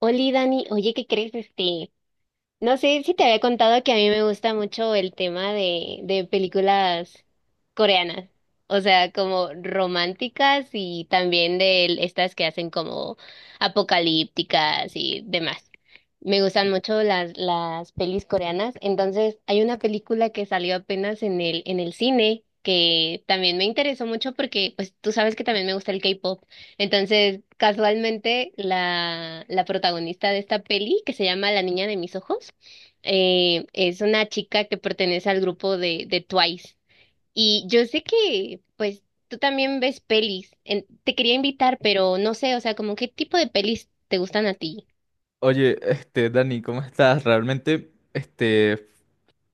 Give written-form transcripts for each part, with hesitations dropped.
Oli, Dani, oye, ¿qué crees? No sé si te había contado que a mí me gusta mucho el tema de películas coreanas, o sea, como románticas y también de estas que hacen como apocalípticas y demás. Me gustan mucho las pelis coreanas, entonces hay una película que salió apenas en el cine que también me interesó mucho porque, pues, tú sabes que también me gusta el K-pop. Entonces, casualmente, la protagonista de esta peli, que se llama La Niña de Mis Ojos, es una chica que pertenece al grupo de Twice. Y yo sé que, pues, tú también ves pelis. Te quería invitar, pero no sé, o sea, como qué tipo de pelis te gustan a ti. Oye, Dani, ¿cómo estás? Realmente,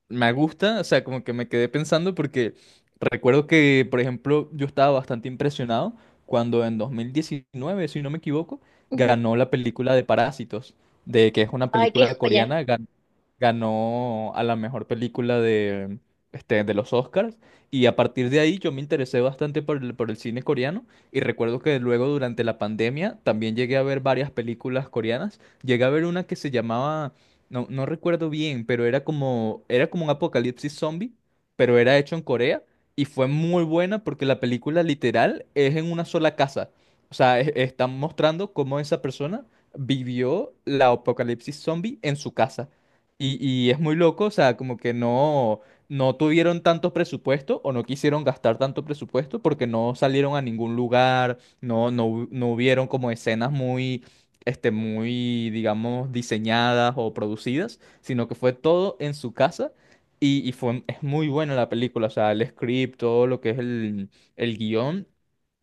me gusta, o sea, como que me quedé pensando porque recuerdo que, por ejemplo, yo estaba bastante impresionado cuando en 2019, si no me equivoco, Ujú. ganó la película de Parásitos, de que es una Ay, qué película joya. coreana, ganó a la mejor película de, de los Oscars y a partir de ahí yo me interesé bastante por el cine coreano y recuerdo que luego durante la pandemia también llegué a ver varias películas coreanas. Llegué a ver una que se llamaba, no, no recuerdo bien, pero era como un apocalipsis zombie, pero era hecho en Corea y fue muy buena porque la película literal es en una sola casa. O sea, están mostrando cómo esa persona vivió la apocalipsis zombie en su casa. Y es muy loco, o sea, como que no, no tuvieron tanto presupuesto o no quisieron gastar tanto presupuesto porque no salieron a ningún lugar, no hubieron como escenas muy, digamos, diseñadas o producidas, sino que fue todo en su casa y fue, es muy buena la película, o sea, el script, todo lo que es el guión.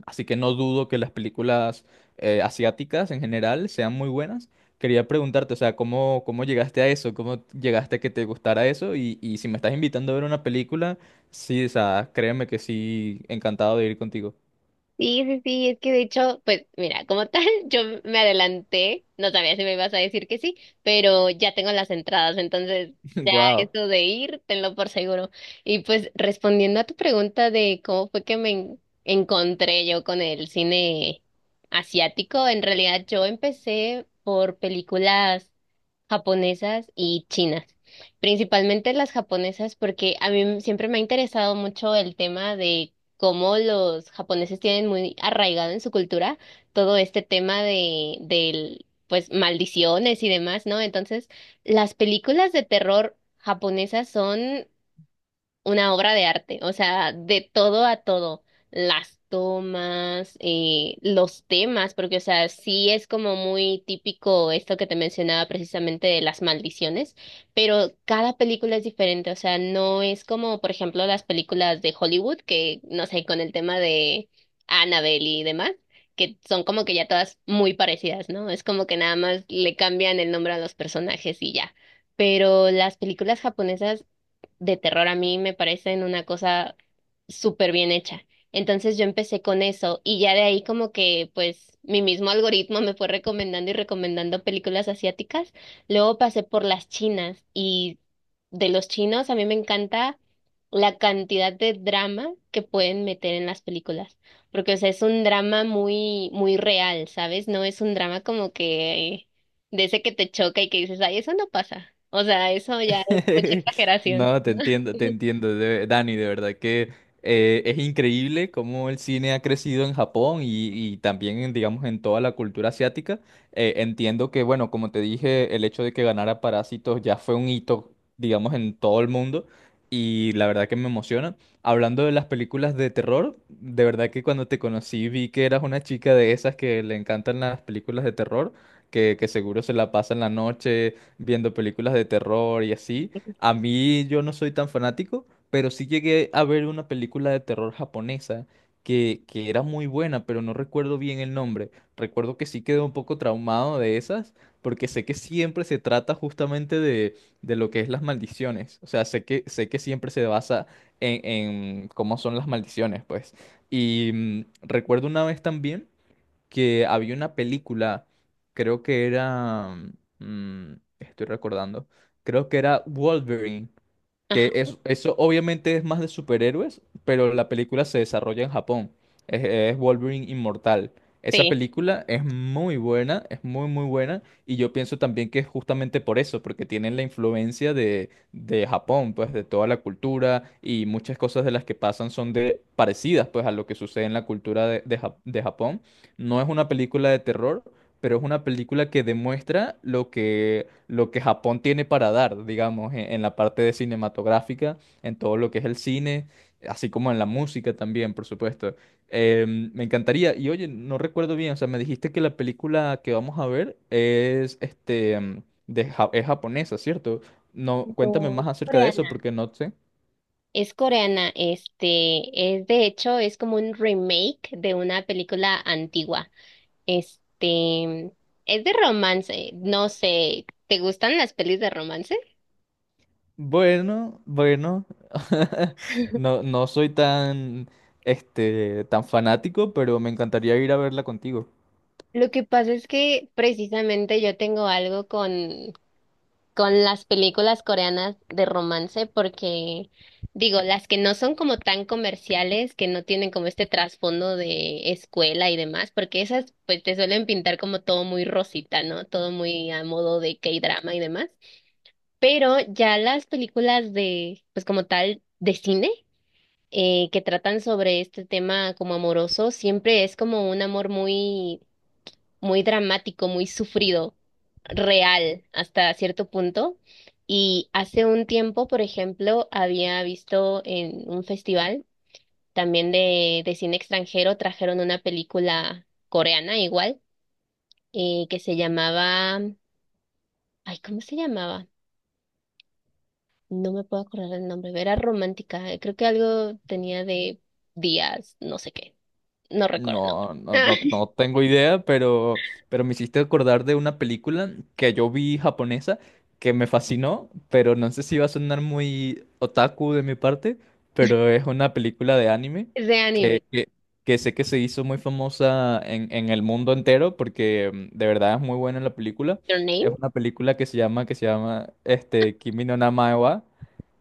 Así que no dudo que las películas asiáticas en general sean muy buenas. Quería preguntarte, o sea, ¿cómo llegaste a eso? ¿Cómo llegaste a que te gustara eso? Y si me estás invitando a ver una película, sí, o sea, créeme que sí, encantado de ir contigo. Sí, sí, sí, es que de hecho, pues mira, como tal, yo me adelanté, no sabía si me ibas a decir que sí, pero ya tengo las entradas, entonces Wow. eso de ir, tenlo por seguro. Y pues respondiendo a tu pregunta de cómo fue que encontré yo con el cine asiático, en realidad yo empecé por películas japonesas y chinas. Principalmente las japonesas porque a mí siempre me ha interesado mucho el tema de cómo los japoneses tienen muy arraigado en su cultura todo este tema de del pues maldiciones y demás, ¿no? Entonces, las películas de terror japonesas son una obra de arte, o sea, de todo a todo, las tomas, los temas, porque, o sea, sí es como muy típico esto que te mencionaba precisamente de las maldiciones, pero cada película es diferente, o sea, no es como, por ejemplo, las películas de Hollywood, que, no sé, con el tema de Annabelle y demás, que son como que ya todas muy parecidas, ¿no? Es como que nada más le cambian el nombre a los personajes y ya. Pero las películas japonesas de terror a mí me parecen una cosa súper bien hecha. Entonces yo empecé con eso y ya de ahí como que pues mi mismo algoritmo me fue recomendando y recomendando películas asiáticas. Luego pasé por las chinas y de los chinos a mí me encanta la cantidad de drama que pueden meter en las películas, porque o sea, es un drama muy muy real, ¿sabes? No es un drama como que de ese que te choca y que dices, ay, eso no pasa. O sea, eso ya es mucha exageración. No, te entiendo, Dani, de verdad que es increíble cómo el cine ha crecido en Japón y también, en, digamos, en toda la cultura asiática. Entiendo que, bueno, como te dije, el hecho de que ganara Parásitos ya fue un hito, digamos, en todo el mundo y la verdad que me emociona. Hablando de las películas de terror, de verdad que cuando te conocí vi que eras una chica de esas que le encantan las películas de terror, que seguro se la pasa en la noche viendo películas de terror y así. A mí yo no soy tan fanático, pero sí llegué a ver una película de terror japonesa que era muy buena, pero no recuerdo bien el nombre. Recuerdo que sí quedé un poco traumado de esas, porque sé que siempre se trata justamente de lo que es las maldiciones. O sea, sé que siempre se basa en cómo son las maldiciones, pues. Y recuerdo una vez también que había una película, creo que era, mm, estoy recordando, creo que era Wolverine, Ajá, que eso obviamente es más de superhéroes, pero la película se desarrolla en Japón. Es Wolverine Inmortal. Esa sí. película es muy buena, es muy muy buena, y yo pienso también que es justamente por eso, porque tienen la influencia de Japón, pues de toda la cultura, y muchas cosas de las que pasan son de parecidas pues a lo que sucede en la cultura de Japón. No es una película de terror, pero es una película que demuestra lo que Japón tiene para dar, digamos, en la parte de cinematográfica, en todo lo que es el cine, así como en la música también, por supuesto. Me encantaría, y oye, no recuerdo bien, o sea, me dijiste que la película que vamos a ver es, es japonesa, ¿cierto? No, cuéntame No, es más acerca de eso, coreana. porque no sé. Es coreana, este, es de hecho, es como un remake de una película antigua. Este, es de romance, no sé, ¿te gustan las pelis de romance? Bueno, bueno, no, no soy tan fanático, pero me encantaría ir a verla contigo. Lo que pasa es que precisamente yo tengo algo con las películas coreanas de romance porque, digo, las que no son como tan comerciales, que no tienen como este trasfondo de escuela y demás, porque esas pues te suelen pintar como todo muy rosita, ¿no? Todo muy a modo de K-drama y demás. Pero ya las películas de, pues como tal, de cine, que tratan sobre este tema como amoroso, siempre es como un amor muy muy dramático, muy sufrido, real hasta cierto punto. Y hace un tiempo, por ejemplo, había visto en un festival también de cine extranjero, trajeron una película coreana igual, que se llamaba, ay, ¿cómo se llamaba? No me puedo acordar el nombre, era romántica, creo que algo tenía de días, no sé qué, no recuerdo el nombre. No, no, no, no tengo idea, pero, me hiciste acordar de una película que yo vi japonesa que me fascinó, pero no sé si va a sonar muy otaku de mi parte, pero es una película de anime De que, anime. que, que sé que se hizo muy famosa en el mundo entero porque de verdad es muy buena la película. Your Name. Es una película que se llama Kimi no Na wa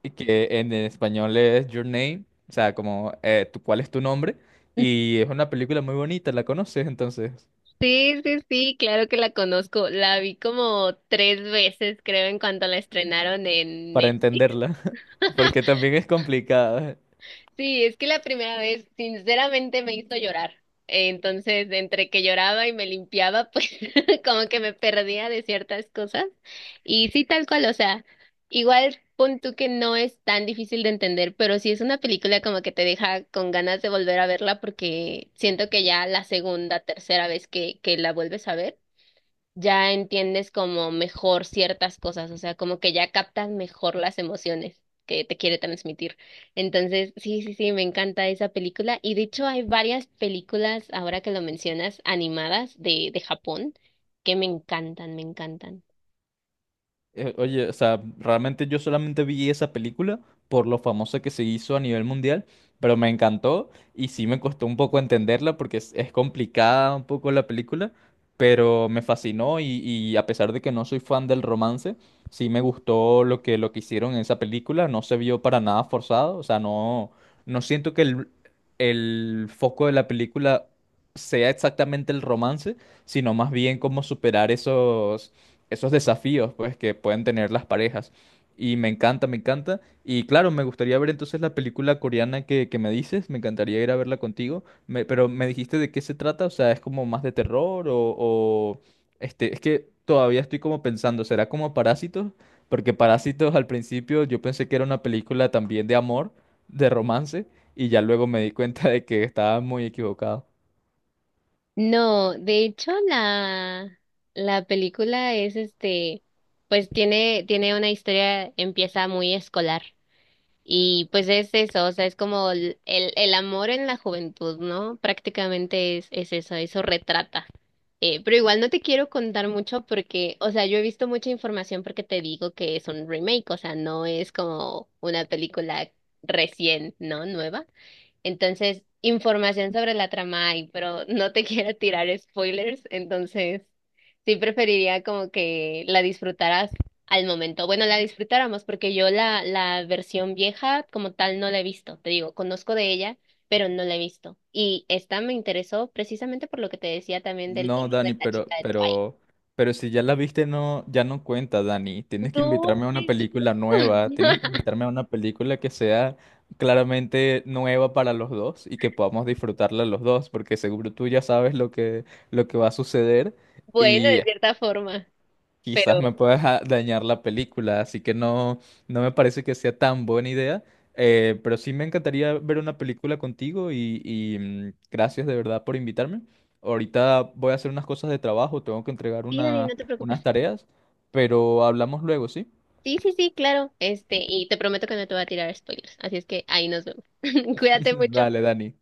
y que en español es Your Name, o sea, como ¿cuál es tu nombre? Y es una película muy bonita, ¿la conoces entonces? Sí, sí, sí, claro que la conozco. La vi como tres veces, creo, en cuanto la estrenaron en Para Netflix. entenderla, porque también es complicada. Sí, es que la primera vez, sinceramente, me hizo llorar. Entonces, entre que lloraba y me limpiaba, pues como que me perdía de ciertas cosas. Y sí, tal cual, o sea, igual pon tú que no es tan difícil de entender, pero sí es una película como que te deja con ganas de volver a verla porque siento que ya la segunda, tercera vez que la vuelves a ver ya entiendes como mejor ciertas cosas, o sea, como que ya captas mejor las emociones que te quiere transmitir. Entonces, sí, sí, sí, me encanta esa película. Y de hecho hay varias películas, ahora que lo mencionas, animadas de Japón, que me encantan, me encantan. Oye, o sea, realmente yo solamente vi esa película por lo famosa que se hizo a nivel mundial, pero me encantó y sí me costó un poco entenderla porque es complicada un poco la película, pero me fascinó y a pesar de que no soy fan del romance, sí me gustó lo que hicieron en esa película, no se vio para nada forzado, o sea, no, no siento que el foco de la película sea exactamente el romance, sino más bien cómo superar esos desafíos pues que pueden tener las parejas. Y me encanta, me encanta. Y claro, me gustaría ver entonces la película coreana que me dices. Me encantaría ir a verla contigo. Pero me dijiste de qué se trata. O sea, es como más de terror es que todavía estoy como pensando, ¿será como Parásitos? Porque Parásitos al principio yo pensé que era una película también de amor, de romance, y ya luego me di cuenta de que estaba muy equivocado. No, de hecho la película es este, pues tiene, tiene una historia, empieza muy escolar. Y pues es eso, o sea, es como el amor en la juventud, ¿no? Prácticamente es eso, eso retrata. Pero igual no te quiero contar mucho porque, o sea, yo he visto mucha información porque te digo que es un remake, o sea, no es como una película recién, ¿no? Nueva. Entonces, información sobre la trama hay, pero no te quiero tirar spoilers, entonces sí preferiría como que la disfrutaras al momento. Bueno, la disfrutáramos porque yo la versión vieja como tal no la he visto, te digo, conozco de ella, pero no la he visto. Y esta me interesó precisamente por lo que te decía también del No, tema Dani, de la pero, chica de Twilight. pero, pero si ya la viste, no, ya no cuenta, Dani. No, Tienes que no invitarme a la una he película visto. nueva, tienes que invitarme a una película que sea claramente nueva para los dos y que podamos disfrutarla los dos, porque seguro tú ya sabes lo que va a suceder. Bueno, Y de cierta forma, quizás pero... me puedas dañar la película, así que no, no me parece que sea tan buena idea. Pero sí me encantaría ver una película contigo y, gracias de verdad por invitarme. Ahorita voy a hacer unas cosas de trabajo, tengo que entregar Mira, y no te unas preocupes. tareas, pero hablamos luego, ¿sí? Sí, sí, sí, claro. Este, y te prometo que no te voy a tirar spoilers. Así es que ahí nos vemos. Cuídate mucho. Dale, Dani.